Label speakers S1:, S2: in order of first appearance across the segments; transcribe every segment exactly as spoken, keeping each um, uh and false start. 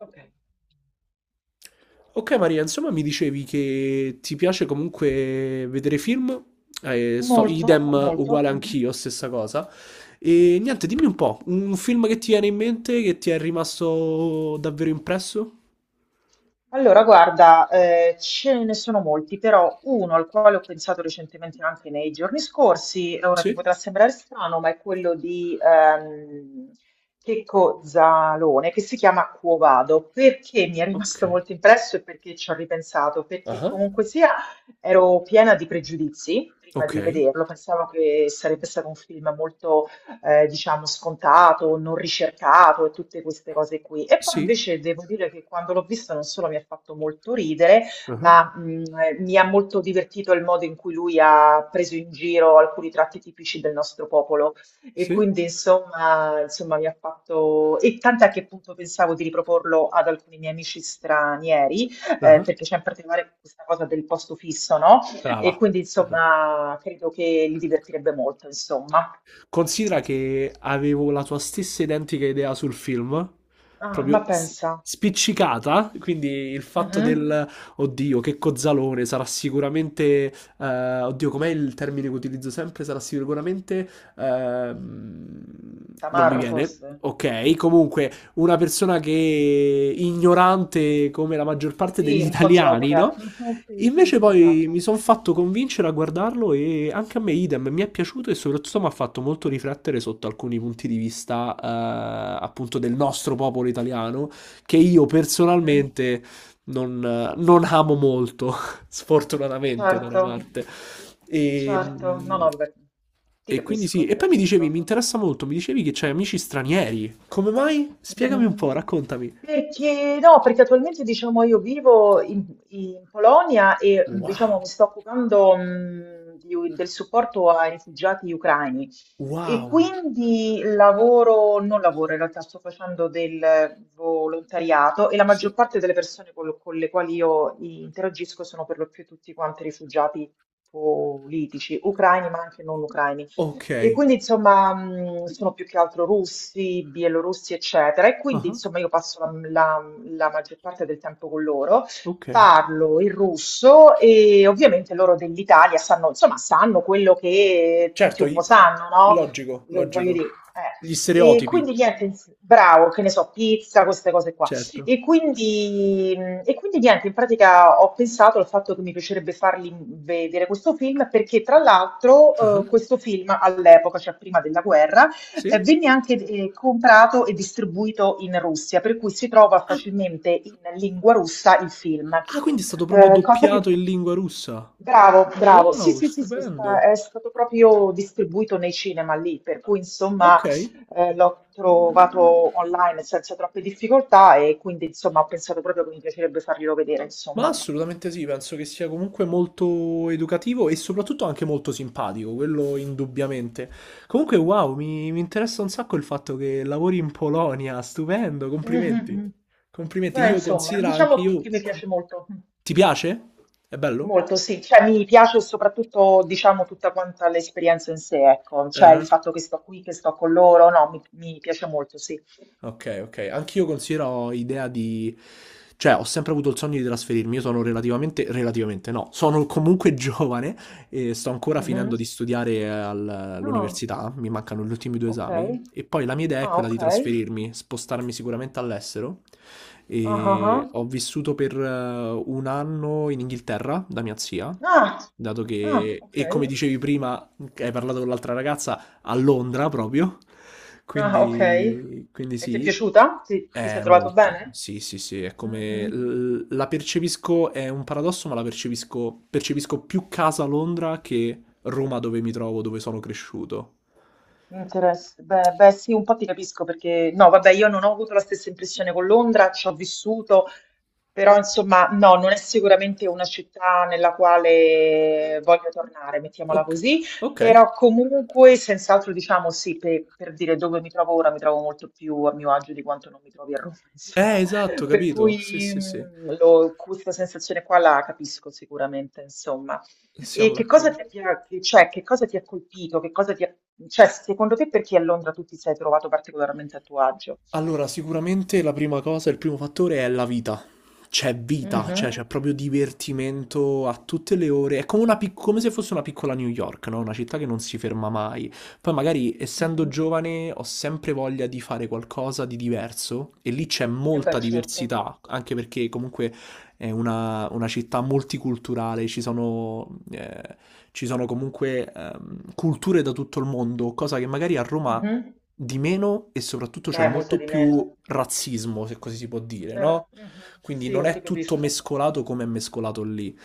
S1: Okay.
S2: Ok Maria, insomma mi dicevi che ti piace comunque vedere film, eh, sto,
S1: Molto,
S2: idem
S1: molto.
S2: uguale
S1: Mh-mh.
S2: anch'io, stessa cosa. E niente, dimmi un po', un film che ti viene in mente, che ti è rimasto davvero impresso?
S1: Allora guarda, ehm, ce ne sono molti, però uno al quale ho pensato recentemente anche nei giorni scorsi, e ora ti
S2: Sì?
S1: potrà sembrare strano, ma è quello di, ehm, Checco Zalone, che si chiama Quo Vado. Perché mi è
S2: Ok.
S1: rimasto molto impresso e perché ci ho ripensato? Perché
S2: Ah,
S1: comunque sia ero piena di pregiudizi prima
S2: ok.
S1: di vederlo, pensavo che sarebbe stato un film molto eh, diciamo scontato, non ricercato e tutte queste cose qui. E poi
S2: Sì?
S1: invece devo dire che quando l'ho visto non solo mi ha fatto molto ridere,
S2: Ah,
S1: ma mh, eh, mi ha molto divertito il modo in cui lui ha preso in giro alcuni tratti tipici del nostro popolo e
S2: sì?
S1: quindi insomma, insomma mi ha fatto e tant'è che appunto pensavo di riproporlo ad alcuni miei amici stranieri, eh,
S2: Ah,
S1: perché c'è in particolare questa cosa del posto fisso, no?
S2: brava.
S1: E quindi
S2: Esatto.
S1: insomma credo che li divertirebbe molto, insomma.
S2: Considera che avevo la tua stessa identica idea sul film,
S1: Ah, ma
S2: proprio s-
S1: pensa.
S2: spiccicata, quindi il fatto
S1: Mhm.
S2: del oddio, che cozzalone, sarà sicuramente eh, oddio, com'è il termine che utilizzo sempre? Sarà sicuramente ehm, non mi
S1: Tamarro
S2: viene.
S1: forse?
S2: Ok, comunque una persona che ignorante come la maggior parte
S1: Sì,
S2: degli
S1: un po'
S2: italiani,
S1: zotica.
S2: no?
S1: Mhm. Sì, sì,
S2: Invece
S1: sì,
S2: poi mi
S1: esatto.
S2: sono fatto convincere a guardarlo e anche a me idem, mi è piaciuto e soprattutto mi ha fatto molto riflettere sotto alcuni punti di vista eh, appunto del nostro popolo italiano, che io
S1: Mhm.
S2: personalmente non, non amo molto, sfortunatamente da una
S1: Certo,
S2: parte. E,
S1: certo. No, no, vabbè. Ti
S2: e quindi sì,
S1: capisco,
S2: e
S1: ti
S2: poi mi dicevi, mi
S1: capisco.
S2: interessa molto, mi dicevi che c'hai amici stranieri. Come mai? Spiegami un po',
S1: Mhmm,
S2: raccontami.
S1: perché no, perché attualmente diciamo io vivo in in Polonia e, mhmm,
S2: Wow,
S1: diciamo mi sto occupando, mhmm, di u del supporto ai rifugiati ucraini e
S2: wow,
S1: quindi lavoro non lavoro in realtà, sto facendo del volontariato e la maggior
S2: sì.
S1: parte delle persone con lo con le quali io interagisco sono per lo più tutti quanti rifugiati politici, ucraini ma anche non ucraini.
S2: Ok.
S1: E quindi insomma mh, sono più che altro russi, bielorussi, eccetera. E quindi
S2: Ah.
S1: insomma io passo la, la- la maggior parte del tempo con loro,
S2: Ok.
S1: parlo il russo e ovviamente loro dell'Italia sanno, insomma, sanno quello che tutti
S2: Certo,
S1: un
S2: i-
S1: po' sanno,
S2: logico,
S1: no? Voglio
S2: logico.
S1: dire, eh.
S2: Gli
S1: E
S2: stereotipi,
S1: quindi niente, bravo, che ne so, pizza, queste cose qua.
S2: certo.
S1: E quindi, e quindi niente, in pratica ho pensato al fatto che mi piacerebbe fargli vedere questo film perché tra l'altro
S2: Ah,
S1: eh, questo film all'epoca, cioè prima della guerra,
S2: sì?
S1: eh, venne
S2: Ah,
S1: anche eh, comprato e distribuito in Russia, per cui si trova facilmente in lingua russa il film.
S2: ah, quindi è stato proprio
S1: Eh, cosa che...
S2: doppiato in lingua russa.
S1: Bravo, bravo. Sì,
S2: Wow,
S1: sì, sì, sì, sta-
S2: stupendo.
S1: è stato proprio distribuito nei cinema lì, per cui
S2: Ok.
S1: insomma... Eh, l'ho trovato online senza troppe difficoltà e quindi insomma ho pensato proprio che mi piacerebbe farglielo vedere,
S2: Ma
S1: insomma.
S2: assolutamente sì, penso che sia comunque molto educativo e soprattutto anche molto simpatico, quello indubbiamente. Comunque, wow, mi, mi interessa un sacco il fatto che lavori in Polonia, stupendo, complimenti.
S1: Mhm.
S2: Complimenti,
S1: Beh,
S2: io
S1: insomma,
S2: considero anche
S1: diciamo
S2: io...
S1: che mi piace molto,
S2: Ti piace? È bello?
S1: molto sì, cioè mi piace soprattutto, diciamo, tutta quanta l'esperienza in sé, ecco, cioè
S2: Eh.
S1: il fatto che sto qui, che sto con loro, no, mi, mi piace molto, sì.
S2: Ok, ok. Anch'io considero idea di... Cioè, ho sempre avuto il sogno di trasferirmi. Io sono relativamente... Relativamente no. Sono comunque giovane e sto ancora finendo
S1: Mhm.
S2: di studiare al-
S1: Ah,
S2: all'università. Mi mancano gli ultimi due
S1: ok.
S2: esami. E poi la mia idea è
S1: Ah,
S2: quella di
S1: ok.
S2: trasferirmi, spostarmi sicuramente all'estero.
S1: Ah, ah,
S2: E
S1: ah.
S2: ho vissuto per eh, un anno in Inghilterra da mia zia.
S1: Ah,
S2: Dato
S1: ah,
S2: che,
S1: ok.
S2: e come dicevi prima, che hai parlato con l'altra ragazza, a Londra proprio.
S1: Ah, ok.
S2: Quindi, quindi
S1: E ti è
S2: sì,
S1: piaciuta? Ti, ti sei
S2: è
S1: trovato
S2: molto.
S1: bene?
S2: Sì, sì, sì, è come
S1: Mhm.
S2: l- la percepisco, è un paradosso, ma la percepisco, percepisco più casa a Londra che Roma dove mi trovo, dove sono cresciuto.
S1: Interess- Beh, beh, sì, un po' ti capisco perché no, vabbè, io non ho avuto la stessa impressione con Londra, ci ho vissuto, però insomma, no, non è sicuramente una città nella quale voglio tornare, mettiamola
S2: Ok,
S1: così,
S2: ok.
S1: però comunque, senz'altro, diciamo sì, per, per dire dove mi trovo ora, mi trovo molto più a mio agio di quanto non mi trovi a Roma,
S2: Eh,
S1: insomma,
S2: esatto,
S1: per
S2: capito. Sì,
S1: cui
S2: sì, sì.
S1: mm, lo- questa sensazione qua la capisco sicuramente, insomma. E
S2: Siamo
S1: che cosa
S2: d'accordo.
S1: ti ha, ti ha- cioè, che cosa ti ha colpito? Che cosa ti ha, cioè, secondo te perché a Londra tu ti sei trovato particolarmente a tuo agio?
S2: Allora, sicuramente la prima cosa, il primo fattore è la vita. C'è vita, cioè
S1: Mhm,
S2: c'è proprio divertimento a tutte le ore. È come, una pic- come se fosse una piccola New York, no? Una città che non si ferma mai. Poi magari, essendo
S1: mhm.
S2: giovane, ho sempre voglia di fare qualcosa di diverso e lì c'è
S1: Eh
S2: molta
S1: beh, certo.
S2: diversità, anche perché comunque è una, una città multiculturale, ci sono, eh, ci sono comunque ehm, culture da tutto il mondo, cosa che magari a Roma
S1: Mhm.
S2: di meno e soprattutto c'è
S1: Beh, molto
S2: molto
S1: di meno.
S2: più razzismo, se così si può dire,
S1: Eh,
S2: no?
S1: mhm.
S2: Quindi non
S1: Sì, ti
S2: è tutto
S1: capisco.
S2: mescolato come è mescolato lì.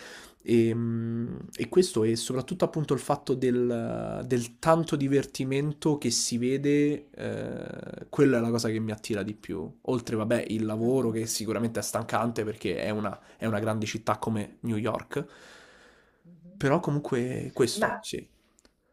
S2: E, mm, e questo è soprattutto appunto il fatto del, del tanto divertimento che si vede, eh, quella è la cosa che mi attira di più. Oltre, vabbè, il lavoro
S1: Mhm,
S2: che sicuramente è stancante perché è una, è una grande città come New York,
S1: mhm.
S2: però comunque questo,
S1: Ma,
S2: sì.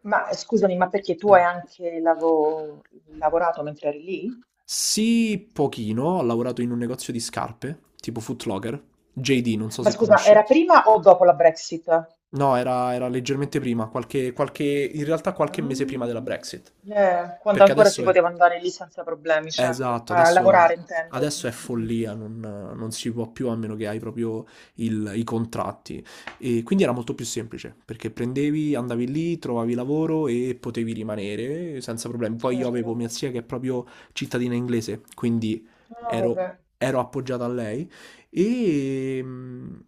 S1: ma, eh, scusami, ma perché tu hai anche lavo- lavorato mentre eri lì?
S2: Sì, pochino, ho lavorato in un negozio di scarpe, tipo Foot Locker, J D, non so
S1: Ma
S2: se
S1: scusa,
S2: conosci.
S1: era prima o dopo la Brexit?
S2: No, era, era leggermente prima, qualche, qualche, in realtà qualche mese prima della
S1: Mm,
S2: Brexit,
S1: yeah. Quando
S2: perché
S1: ancora si
S2: adesso è...
S1: poteva andare lì senza problemi, certo.
S2: Esatto,
S1: A
S2: adesso,
S1: lavorare, intendo.
S2: adesso è
S1: Mm, mm, mm.
S2: follia, non, non si può più a meno che hai proprio il- i contratti. E quindi era molto più semplice, perché prendevi, andavi lì, trovavi lavoro e potevi rimanere senza problemi. Poi io
S1: Certo.
S2: avevo mia zia che è proprio cittadina inglese, quindi
S1: Ah,
S2: ero,
S1: vabbè.
S2: ero appoggiato a lei e,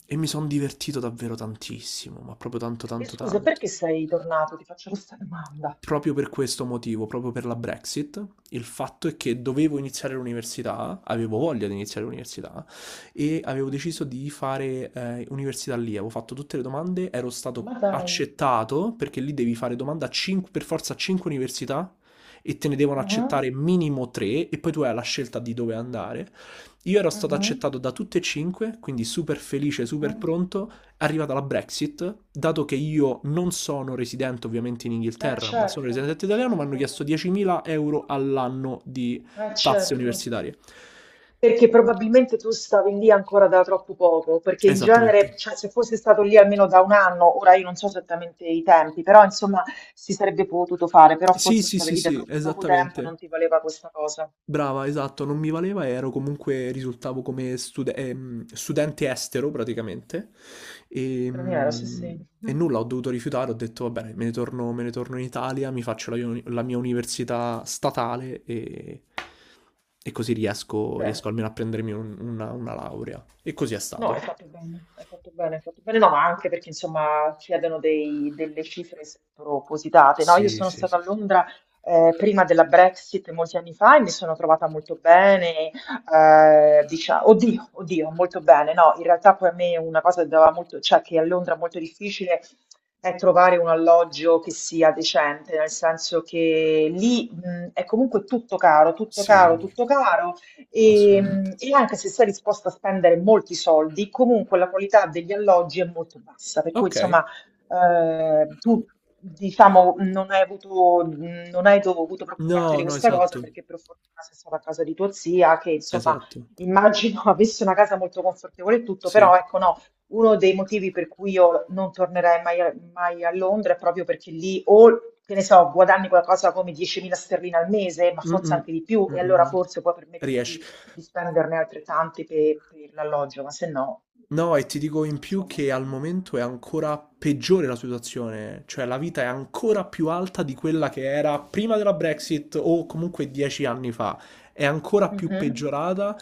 S2: e mi sono divertito davvero tantissimo, ma proprio tanto
S1: E
S2: tanto
S1: scusa,
S2: tanto
S1: perché sei tornato? Ti faccio questa domanda.
S2: proprio per questo motivo, proprio per la Brexit, il fatto è che dovevo iniziare l'università, avevo voglia di iniziare l'università e avevo
S1: Mhm.
S2: deciso di fare eh, università lì, avevo fatto tutte le domande, ero
S1: Ma
S2: stato
S1: dai.
S2: accettato perché lì devi fare domanda a cinque- per forza a cinque università e te ne devono
S1: Mhm,
S2: accettare minimo tre e poi tu hai la scelta di dove andare. Io ero stato
S1: mhm,
S2: accettato da tutte e cinque, quindi super felice, super
S1: mhm.
S2: pronto, arrivata la Brexit, dato che io non sono residente ovviamente in
S1: Eh
S2: Inghilterra, ma sono
S1: certo,
S2: residente
S1: eh
S2: italiano, mi hanno
S1: certo,
S2: chiesto diecimila euro all'anno di
S1: eh
S2: tasse
S1: certo.
S2: universitarie.
S1: Perché probabilmente tu stavi lì ancora da troppo poco, perché in
S2: Esattamente.
S1: genere, cioè, se fosse stato lì almeno da un anno, ora io non so esattamente i tempi, però insomma si sarebbe potuto fare, però
S2: Sì,
S1: forse
S2: sì,
S1: stavi
S2: sì,
S1: lì da
S2: sì,
S1: troppo poco tempo e
S2: esattamente.
S1: non ti valeva questa cosa.
S2: Brava, esatto, non mi valeva, ero comunque, risultavo come stude- ehm, studente estero praticamente e,
S1: Però, sì, sì.
S2: mm, e
S1: Mm.
S2: nulla, ho dovuto rifiutare, ho detto va bene, me ne torno, me ne torno in Italia, mi faccio la, uni- la mia università statale e, e così riesco,
S1: Bene.
S2: riesco almeno a prendermi un- una, una laurea. E così è
S1: No, hai
S2: stato,
S1: fatto bene, hai fatto bene, hai fatto bene, no, ma anche perché insomma chiedono dei- delle cifre spropositate, no? Io
S2: sì,
S1: sono
S2: sì,
S1: stata
S2: sì.
S1: a Londra eh, prima della Brexit molti anni fa e mi sono trovata molto bene, eh, diciamo, oddio, oddio, molto bene, no? In realtà poi a me una cosa che dava molto, cioè che a Londra è molto difficile è trovare un alloggio che sia decente, nel senso che lì mh, è comunque tutto caro, tutto caro,
S2: Sì.
S1: tutto caro. E,
S2: Assolutamente.
S1: e anche se sei disposta a spendere molti soldi, comunque la qualità degli alloggi è molto bassa, per cui
S2: Ok.
S1: insomma eh, tu diciamo non hai avuto, mh, non hai dovuto preoccuparti
S2: No,
S1: di
S2: no,
S1: questa cosa
S2: esatto,
S1: perché per fortuna sei stata a casa di tua zia che insomma
S2: esatto,
S1: immagino avesse una casa molto confortevole e tutto,
S2: sì.
S1: però ecco no, uno dei motivi per cui io non tornerei mai a, mai a Londra è proprio perché lì o che ne so, guadagni qualcosa come diecimila sterline al mese, ma forse
S2: Mh-mh.
S1: anche di più, e allora
S2: Mh-mh-mh.
S1: forse puoi permetterti
S2: Riesci.
S1: di spenderne altrettanti pe- per l'alloggio, ma se no,
S2: No, e ti dico in più
S1: insomma.
S2: che al momento è ancora peggiore la situazione, cioè la vita è ancora più alta di quella che era prima della Brexit o comunque dieci anni fa. È ancora più
S1: Mhm.
S2: peggiorata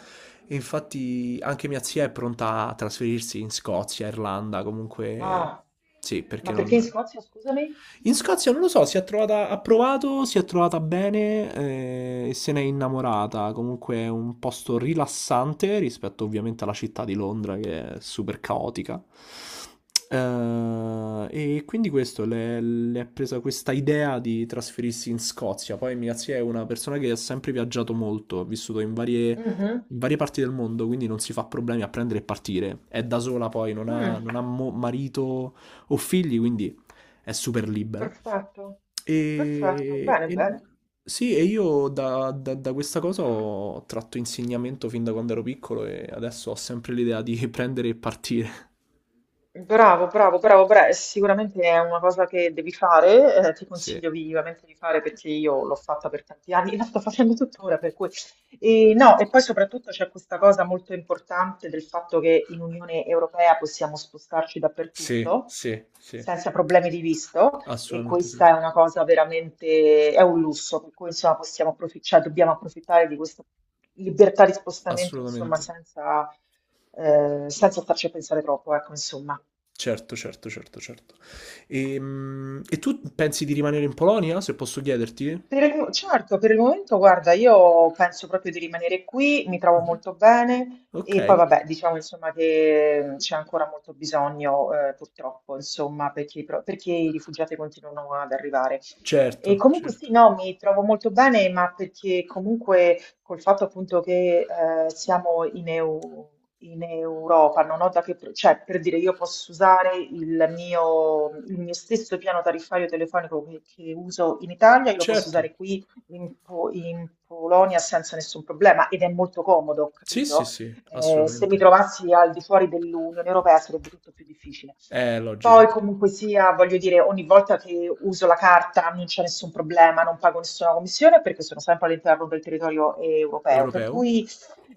S2: e infatti anche mia zia è pronta a trasferirsi in Scozia, Irlanda, comunque
S1: Ah,
S2: sì, perché
S1: ma perché in
S2: non...
S1: Scozia, scusami?
S2: In Scozia non lo so, si è trovata, ha provato, si è trovata bene eh, e se n'è innamorata. Comunque è un posto rilassante rispetto ovviamente alla città di Londra che è super caotica. Eh, e quindi questo, le, le è presa questa idea di trasferirsi in Scozia. Poi mia zia è una persona che ha sempre viaggiato molto, ha vissuto in varie,
S1: Mhm.
S2: in varie parti del mondo, quindi non si fa problemi a prendere e partire. È da sola poi, non ha,
S1: Mm,
S2: non ha mo- marito o figli, quindi è super libera.
S1: perfetto, perfetto,
S2: E,
S1: bene,
S2: e-
S1: bene.
S2: sì, e io da, da- da questa cosa ho tratto insegnamento fin da quando ero piccolo e adesso ho sempre l'idea di prendere e partire.
S1: Bravo, bravo, bravo, bra- eh, sicuramente è una cosa che devi fare, eh, ti
S2: Sì,
S1: consiglio vivamente di fare perché io l'ho fatta per tanti anni, la sto facendo tuttora, per cui... E, no, e poi soprattutto c'è questa cosa molto importante del fatto che in Unione Europea possiamo spostarci
S2: sì,
S1: dappertutto
S2: sì, sì,
S1: senza problemi di visto e
S2: assolutamente sì,
S1: questa è una cosa veramente, è un lusso, per cui insomma possiamo approfitt- cioè, dobbiamo approfittare di questa libertà di spostamento, insomma,
S2: assolutamente.
S1: senza, eh, senza starci a pensare troppo, ecco, insomma.
S2: Certo, certo, certo, certo. Ehm, E, tu pensi di rimanere in Polonia, se posso chiederti?
S1: Per il mo- certo, per il momento, guarda, io penso proprio di rimanere qui, mi trovo
S2: Mhm.
S1: molto bene e poi
S2: Ok,
S1: vabbè, diciamo insomma che mm, c'è ancora molto bisogno, eh, purtroppo, insomma, perché, i pro- perché i rifugiati continuano ad arrivare. E
S2: certo,
S1: comunque
S2: certo,
S1: sì, no, mi trovo molto bene, ma perché comunque col fatto appunto che eh, siamo in, E U in Europa, non ho da che, pro- cioè per dire io posso usare il mio, il mio stesso piano tariffario telefonico che, che uso in Italia, io lo posso
S2: certo.
S1: usare qui in, Po- in Polonia senza nessun problema ed è molto comodo,
S2: Sì, sì,
S1: capito?
S2: sì,
S1: Eh, se
S2: assolutamente.
S1: mi trovassi al di fuori dell'Unione Europea sarebbe tutto più difficile.
S2: È logico.
S1: Poi comunque sia, voglio dire, ogni volta che uso la carta non c'è nessun problema, non pago nessuna commissione perché sono sempre all'interno del territorio eh, europeo. Per
S2: Europeo.
S1: cui,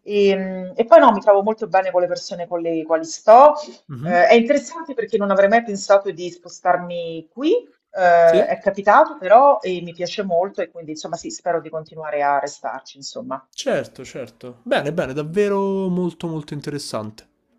S1: ehm, e poi no, mi trovo molto bene con le persone con le quali sto.
S2: Mhm.
S1: Eh, è interessante perché non avrei mai pensato di spostarmi qui, eh, è
S2: Sì?
S1: capitato però e mi piace molto e quindi insomma sì, spero di continuare a restarci, insomma.
S2: Certo, certo. Bene, bene, davvero molto molto interessante.